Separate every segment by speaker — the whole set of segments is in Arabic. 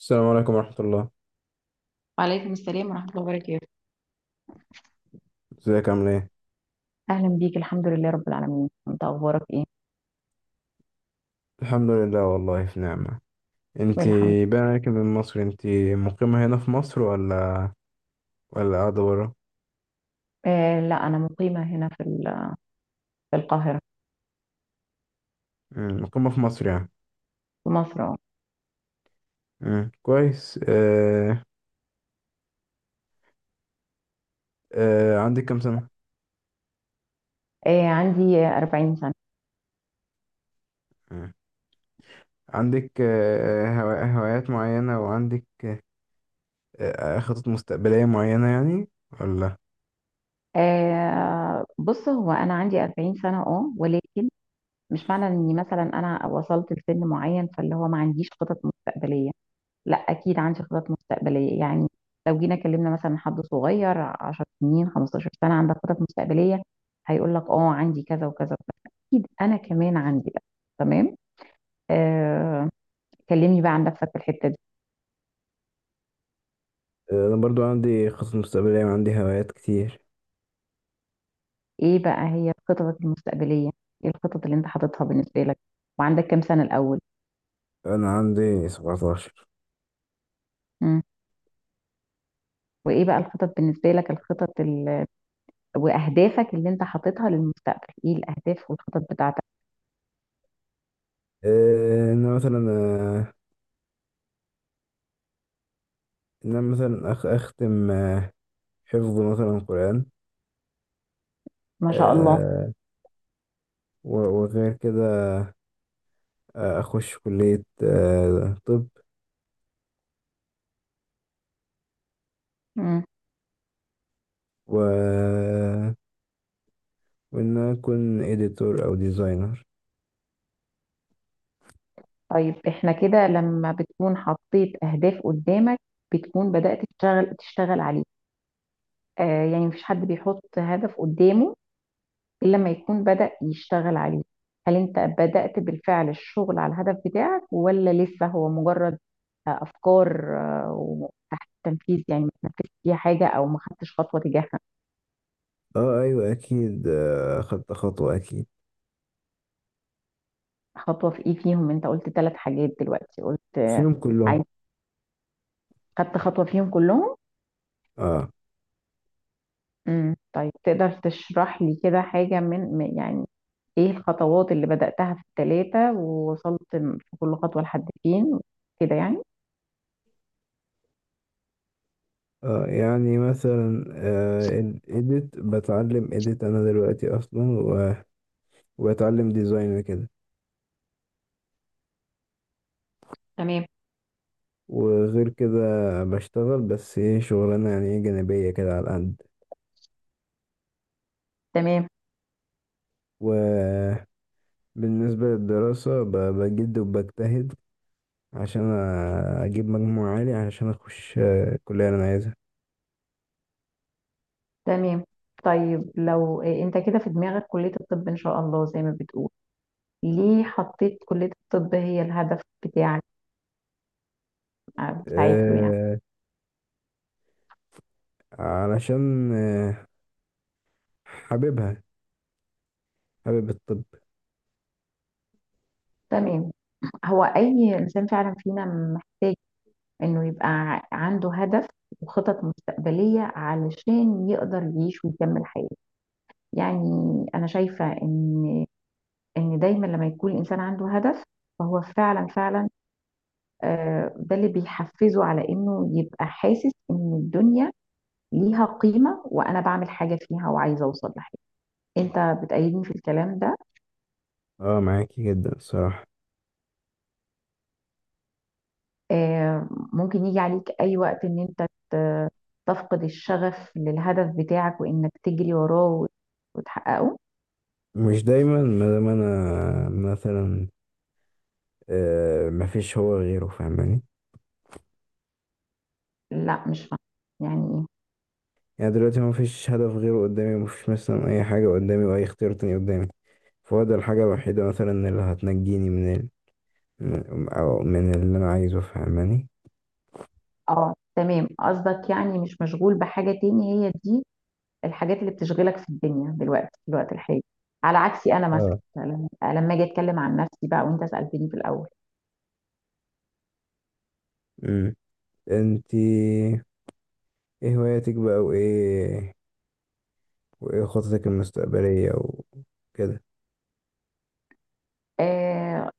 Speaker 1: السلام عليكم ورحمة الله.
Speaker 2: وعليكم السلام ورحمة الله وبركاته.
Speaker 1: ازيك عامل ايه؟
Speaker 2: أهلا بيك، الحمد لله رب العالمين. أنت أخبارك إيه؟
Speaker 1: الحمد لله، والله في نعمة.
Speaker 2: الحمد.
Speaker 1: انتي باين عليك من مصر، انتي مقيمة هنا في مصر ولا قاعدة برا؟
Speaker 2: آه، لا، أنا مقيمة هنا في القاهرة.
Speaker 1: مقيمة في مصر يعني.
Speaker 2: في مصر، أه.
Speaker 1: كويس. عندك كام سنة؟
Speaker 2: آه، عندي 40 سنة.
Speaker 1: مم. عندك هوايات معينة، وعندك خطط مستقبلية معينة يعني ولا؟
Speaker 2: آه، بص، هو أنا عندي 40 سنة ولكن مش معنى إني مثلا أنا وصلت لسن معين فاللي هو ما عنديش خطط مستقبلية. لا، اكيد عندي خطط مستقبليه، يعني لو جينا كلمنا مثلا حد صغير 10 سنين، 15 سنه، عندك خطط مستقبليه، هيقول لك: اه، عندي كذا وكذا وكذا. اكيد انا كمان عندي بقى. تمام. آه. كلمني بقى عن نفسك في الحته دي.
Speaker 1: أنا برضو عندي خطط مستقبلية وعندي هوايات كتير.
Speaker 2: ايه بقى هي خططك المستقبليه؟ ايه الخطط اللي انت حاططها بالنسبه لك؟ وعندك كام سنه الاول؟
Speaker 1: أنا عندي 17.
Speaker 2: مم. وايه بقى الخطط بالنسبه لك؟ الخطط واهدافك اللي انت حاططها للمستقبل، ايه الاهداف والخطط بتاعتك؟
Speaker 1: أنا مثلا، إن أنا مثلا أختم حفظ مثلا قرآن.
Speaker 2: ما شاء الله.
Speaker 1: آه، وغير كده أخش كلية طب، و... وإن أنا أكون إديتور أو ديزاينر.
Speaker 2: طيب احنا كده لما بتكون حطيت اهداف قدامك، بتكون بدأت تشتغل عليه. يعني مفيش حد بيحط هدف قدامه الا لما يكون بدأ يشتغل عليه. هل انت بدأت بالفعل الشغل على الهدف بتاعك، ولا لسه هو مجرد افكار وتحت التنفيذ؟ يعني ما تنفذتش فيها حاجة او ما خدتش خطوة تجاهها.
Speaker 1: أه أيوة أكيد، أخدت خطوة أكيد
Speaker 2: خطوة في ايه فيهم؟ انت قلت ثلاث حاجات دلوقتي، قلت آه،
Speaker 1: فيهم كلهم.
Speaker 2: عايز خدت خطوة فيهم كلهم؟
Speaker 1: أه.
Speaker 2: طيب، تقدر تشرح لي كده حاجة يعني ايه الخطوات اللي بدأتها في التلاتة، ووصلت في كل خطوة لحد فين، كده يعني؟
Speaker 1: أه يعني مثلا، إديت أنا دلوقتي أصلا، وبتعلم ديزاين وكده.
Speaker 2: تمام،
Speaker 1: وغير كده بشتغل، بس ايه، شغلانة يعني ايه جانبية كده على قد.
Speaker 2: تمام،
Speaker 1: وبالنسبة للدراسة بجد وبجتهد عشان أجيب مجموع عالي عشان أخش الكلية اللي أنا عايزها.
Speaker 2: تمام. طيب، لو إيه انت كده في دماغك كلية الطب ان شاء الله زي ما بتقول، ليه حطيت كلية الطب هي الهدف بتاعك، بتاعت له يعني؟
Speaker 1: آه، علشان حاببها، حابب الطب.
Speaker 2: تمام. هو اي انسان فعلا فينا محتاج انه يبقى عنده هدف وخطط مستقبلية علشان يقدر يعيش ويكمل حياته، يعني. انا شايفة ان دايما لما يكون الانسان عنده هدف، فهو فعلا فعلا، ده اللي بيحفزه على انه يبقى حاسس ان الدنيا ليها قيمة، وانا بعمل حاجة فيها وعايزة اوصل لحاجة. انت بتأيدني في الكلام ده؟
Speaker 1: اه معاكي جدا الصراحة.
Speaker 2: ممكن يجي عليك اي وقت ان انت ت- تفقد الشغف للهدف بتاعك، وانك تجري وراه وتحققه؟
Speaker 1: مش دايما، ما دام أنا مثلا مفيش هو غيره، فاهماني؟
Speaker 2: لا، مش فاهمة. يعني ايه؟
Speaker 1: يعني دلوقتي مفيش هدف غيره قدامي، مفيش مثلا أي حاجة قدامي وأي اختيار تاني قدامي، فهو ده الحاجة الوحيدة مثلا اللي هتنجيني من من أو من اللي أنا عايزه، فاهماني؟
Speaker 2: اه، تمام. قصدك يعني مش مشغول بحاجة تاني، هي دي الحاجات اللي بتشغلك في الدنيا دلوقتي في الوقت الحالي، على عكسي انا مثلا
Speaker 1: اه.
Speaker 2: لما اجي اتكلم عن نفسي بقى، وانت سالتني في الاول.
Speaker 1: مم. أنتي إيه هواياتك بقى، وإيه خططك المستقبلية وكده.
Speaker 2: آه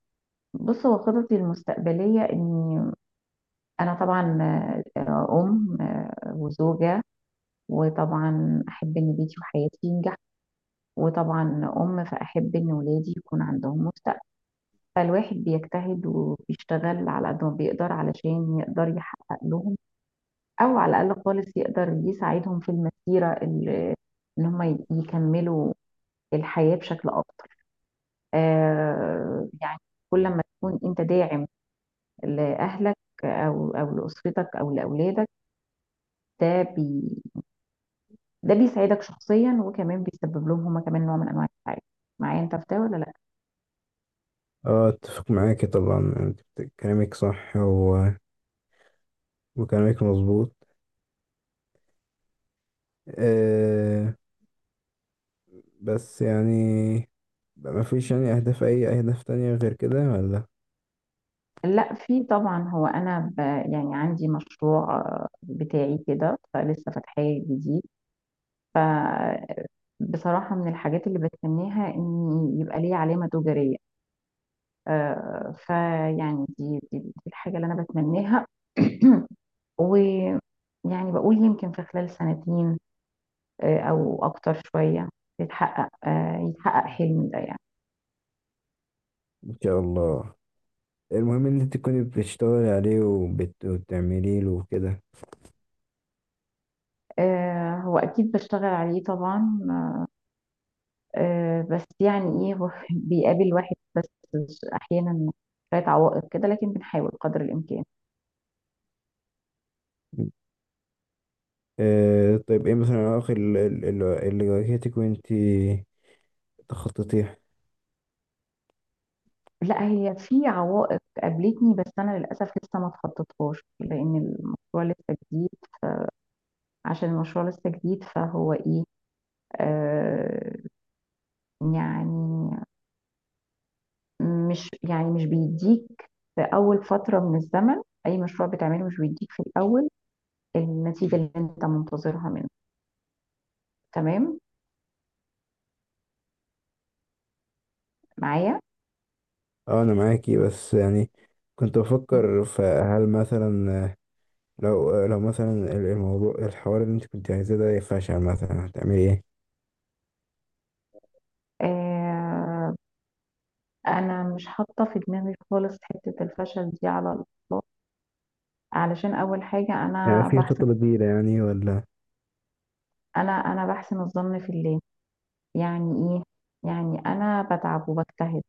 Speaker 2: بص، هو خططي المستقبليه اني انا طبعا آه، آه، ام آه، وزوجه، وطبعا احب ان بيتي وحياتي ينجح. وطبعا فاحب ان ولادي يكون عندهم مستقبل. فالواحد بيجتهد وبيشتغل على قد ما بيقدر علشان يقدر يحقق لهم، او على الاقل خالص يقدر يساعدهم في المسيره ان هم يكملوا الحياه بشكل افضل. يعني كل ما تكون انت داعم لاهلك او لاسرتك او لاولادك، ده بي ده بيساعدك شخصيا، وكمان بيسبب لهم هم كمان نوع من انواع السعاده. معايا انت في ده ولا لا؟
Speaker 1: أه أتفق معاكي طبعا، أنت كلامك صح، وكلامك مظبوط. أه بس يعني بقى مفيش يعني أهداف، أي أهداف تانية غير كده ولا؟
Speaker 2: لا، في طبعا. هو انا يعني عندي مشروع بتاعي كده، فلسه فاتحاه جديد. ف بصراحة، من الحاجات اللي بتمنيها إن يبقى ليه علامة تجارية. فيعني دي الحاجة اللي أنا بتمنيها. ويعني بقول يمكن في خلال سنتين، أو أكتر شوية، يتحقق حلمي ده يعني.
Speaker 1: إن شاء الله. المهم إن أنت تكوني بتشتغلي عليه وبتعمليه له وكده.
Speaker 2: هو أكيد بشتغل عليه طبعا. بس يعني إيه هو بيقابل واحد بس أحيانا شوية عوائق كده، لكن بنحاول قدر الإمكان.
Speaker 1: طيب ايه مثلا العوائق اللي واجهتك وانتي تخططيه.
Speaker 2: لا، هي في عوائق قابلتني، بس انا للاسف لسه ما اتخطيتهاش لان المشروع لسه جديد. عشان المشروع لسه جديد، فهو ايه، آه يعني، مش يعني مش بيديك في اول فتره من الزمن. اي مشروع بتعمله مش بيديك في الاول النتيجه اللي انت منتظرها منه. تمام. معايا؟
Speaker 1: اه انا معاكي، بس يعني كنت
Speaker 2: مم.
Speaker 1: بفكر، فهل مثلا لو مثلا الموضوع، الحوار اللي انت كنت عايزاه ده فشل مثلا، هتعملي ايه؟
Speaker 2: آه انا مش حاطه في دماغي خالص حته الفشل دي على الاطلاق. علشان اول حاجه،
Speaker 1: يعني
Speaker 2: انا
Speaker 1: في
Speaker 2: بحسن.
Speaker 1: خطة بديلة يعني ولا؟
Speaker 2: انا بحسن الظن في الله. يعني ايه؟ يعني انا بتعب وبجتهد،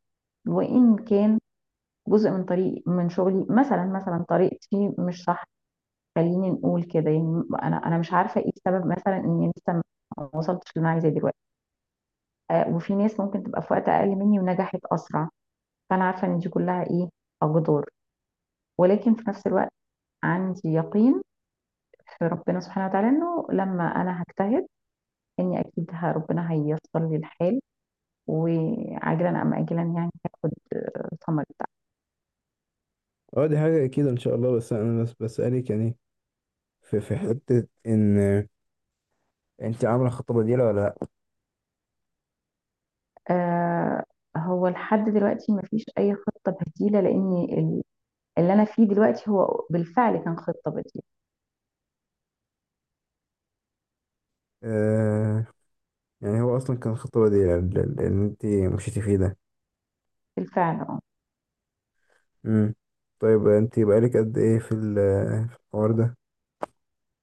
Speaker 2: وان كان جزء من طريق من شغلي مثلا طريقتي مش صح، خليني نقول كده، يعني انا مش عارفه ايه السبب مثلا اني لسه ما وصلتش اللي انا عايزاه دلوقتي. وفي ناس ممكن تبقى في وقت اقل مني ونجحت اسرع، فانا عارفه ان دي كلها ايه، اقدار. ولكن في نفس الوقت، عندي يقين في ربنا سبحانه وتعالى انه لما انا هجتهد، اني اكيد ربنا هييسر لي الحال، وعاجلا ام اجلا يعني هاخد ثمر.
Speaker 1: اه دي حاجة اكيد ان شاء الله، بس انا بس بسألك يعني، في حتة ان انت عاملة خطة بديلة ولا لا.
Speaker 2: آه هو لحد دلوقتي مفيش أي خطة بديلة، لأن اللي أنا فيه دلوقتي هو بالفعل كان خطة بديلة.
Speaker 1: آه يعني هو اصلا كان خطة بديلة اللي انت مشيتي فيه ده.
Speaker 2: بالفعل، اه.
Speaker 1: امم. طيب انت بقالك قد ايه في في الحوار ده؟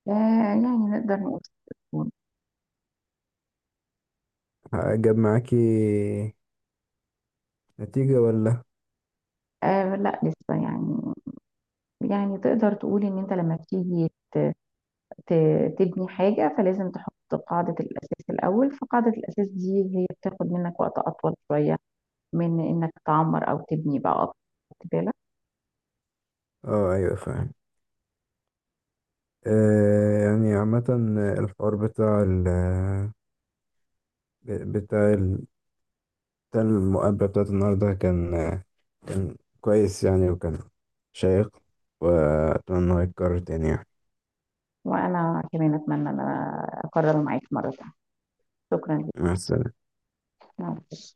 Speaker 2: يعني نقدر نقول تكون.
Speaker 1: جاب معاكي نتيجة ولا؟
Speaker 2: آه، لا، لسه، يعني. يعني تقدر تقول إن أنت لما بتيجي تبني حاجة فلازم تحط قاعدة الأساس الأول، فقاعدة الأساس دي هي بتاخد منك وقت أطول شوية من إنك تعمر أو تبني بقى أكتر. خدت بالك؟
Speaker 1: اه ايوه فاهم. يعني عامة، الحوار بتاع ال بتاع المقابلة بتاعت النهاردة كان، كان كويس يعني، وكان شيق، وأتمنى إنه يتكرر تاني يعني.
Speaker 2: وأنا كمان أتمنى إن أنا أكرر معاك مرة تانية. شكرا
Speaker 1: مع السلامة.
Speaker 2: لك.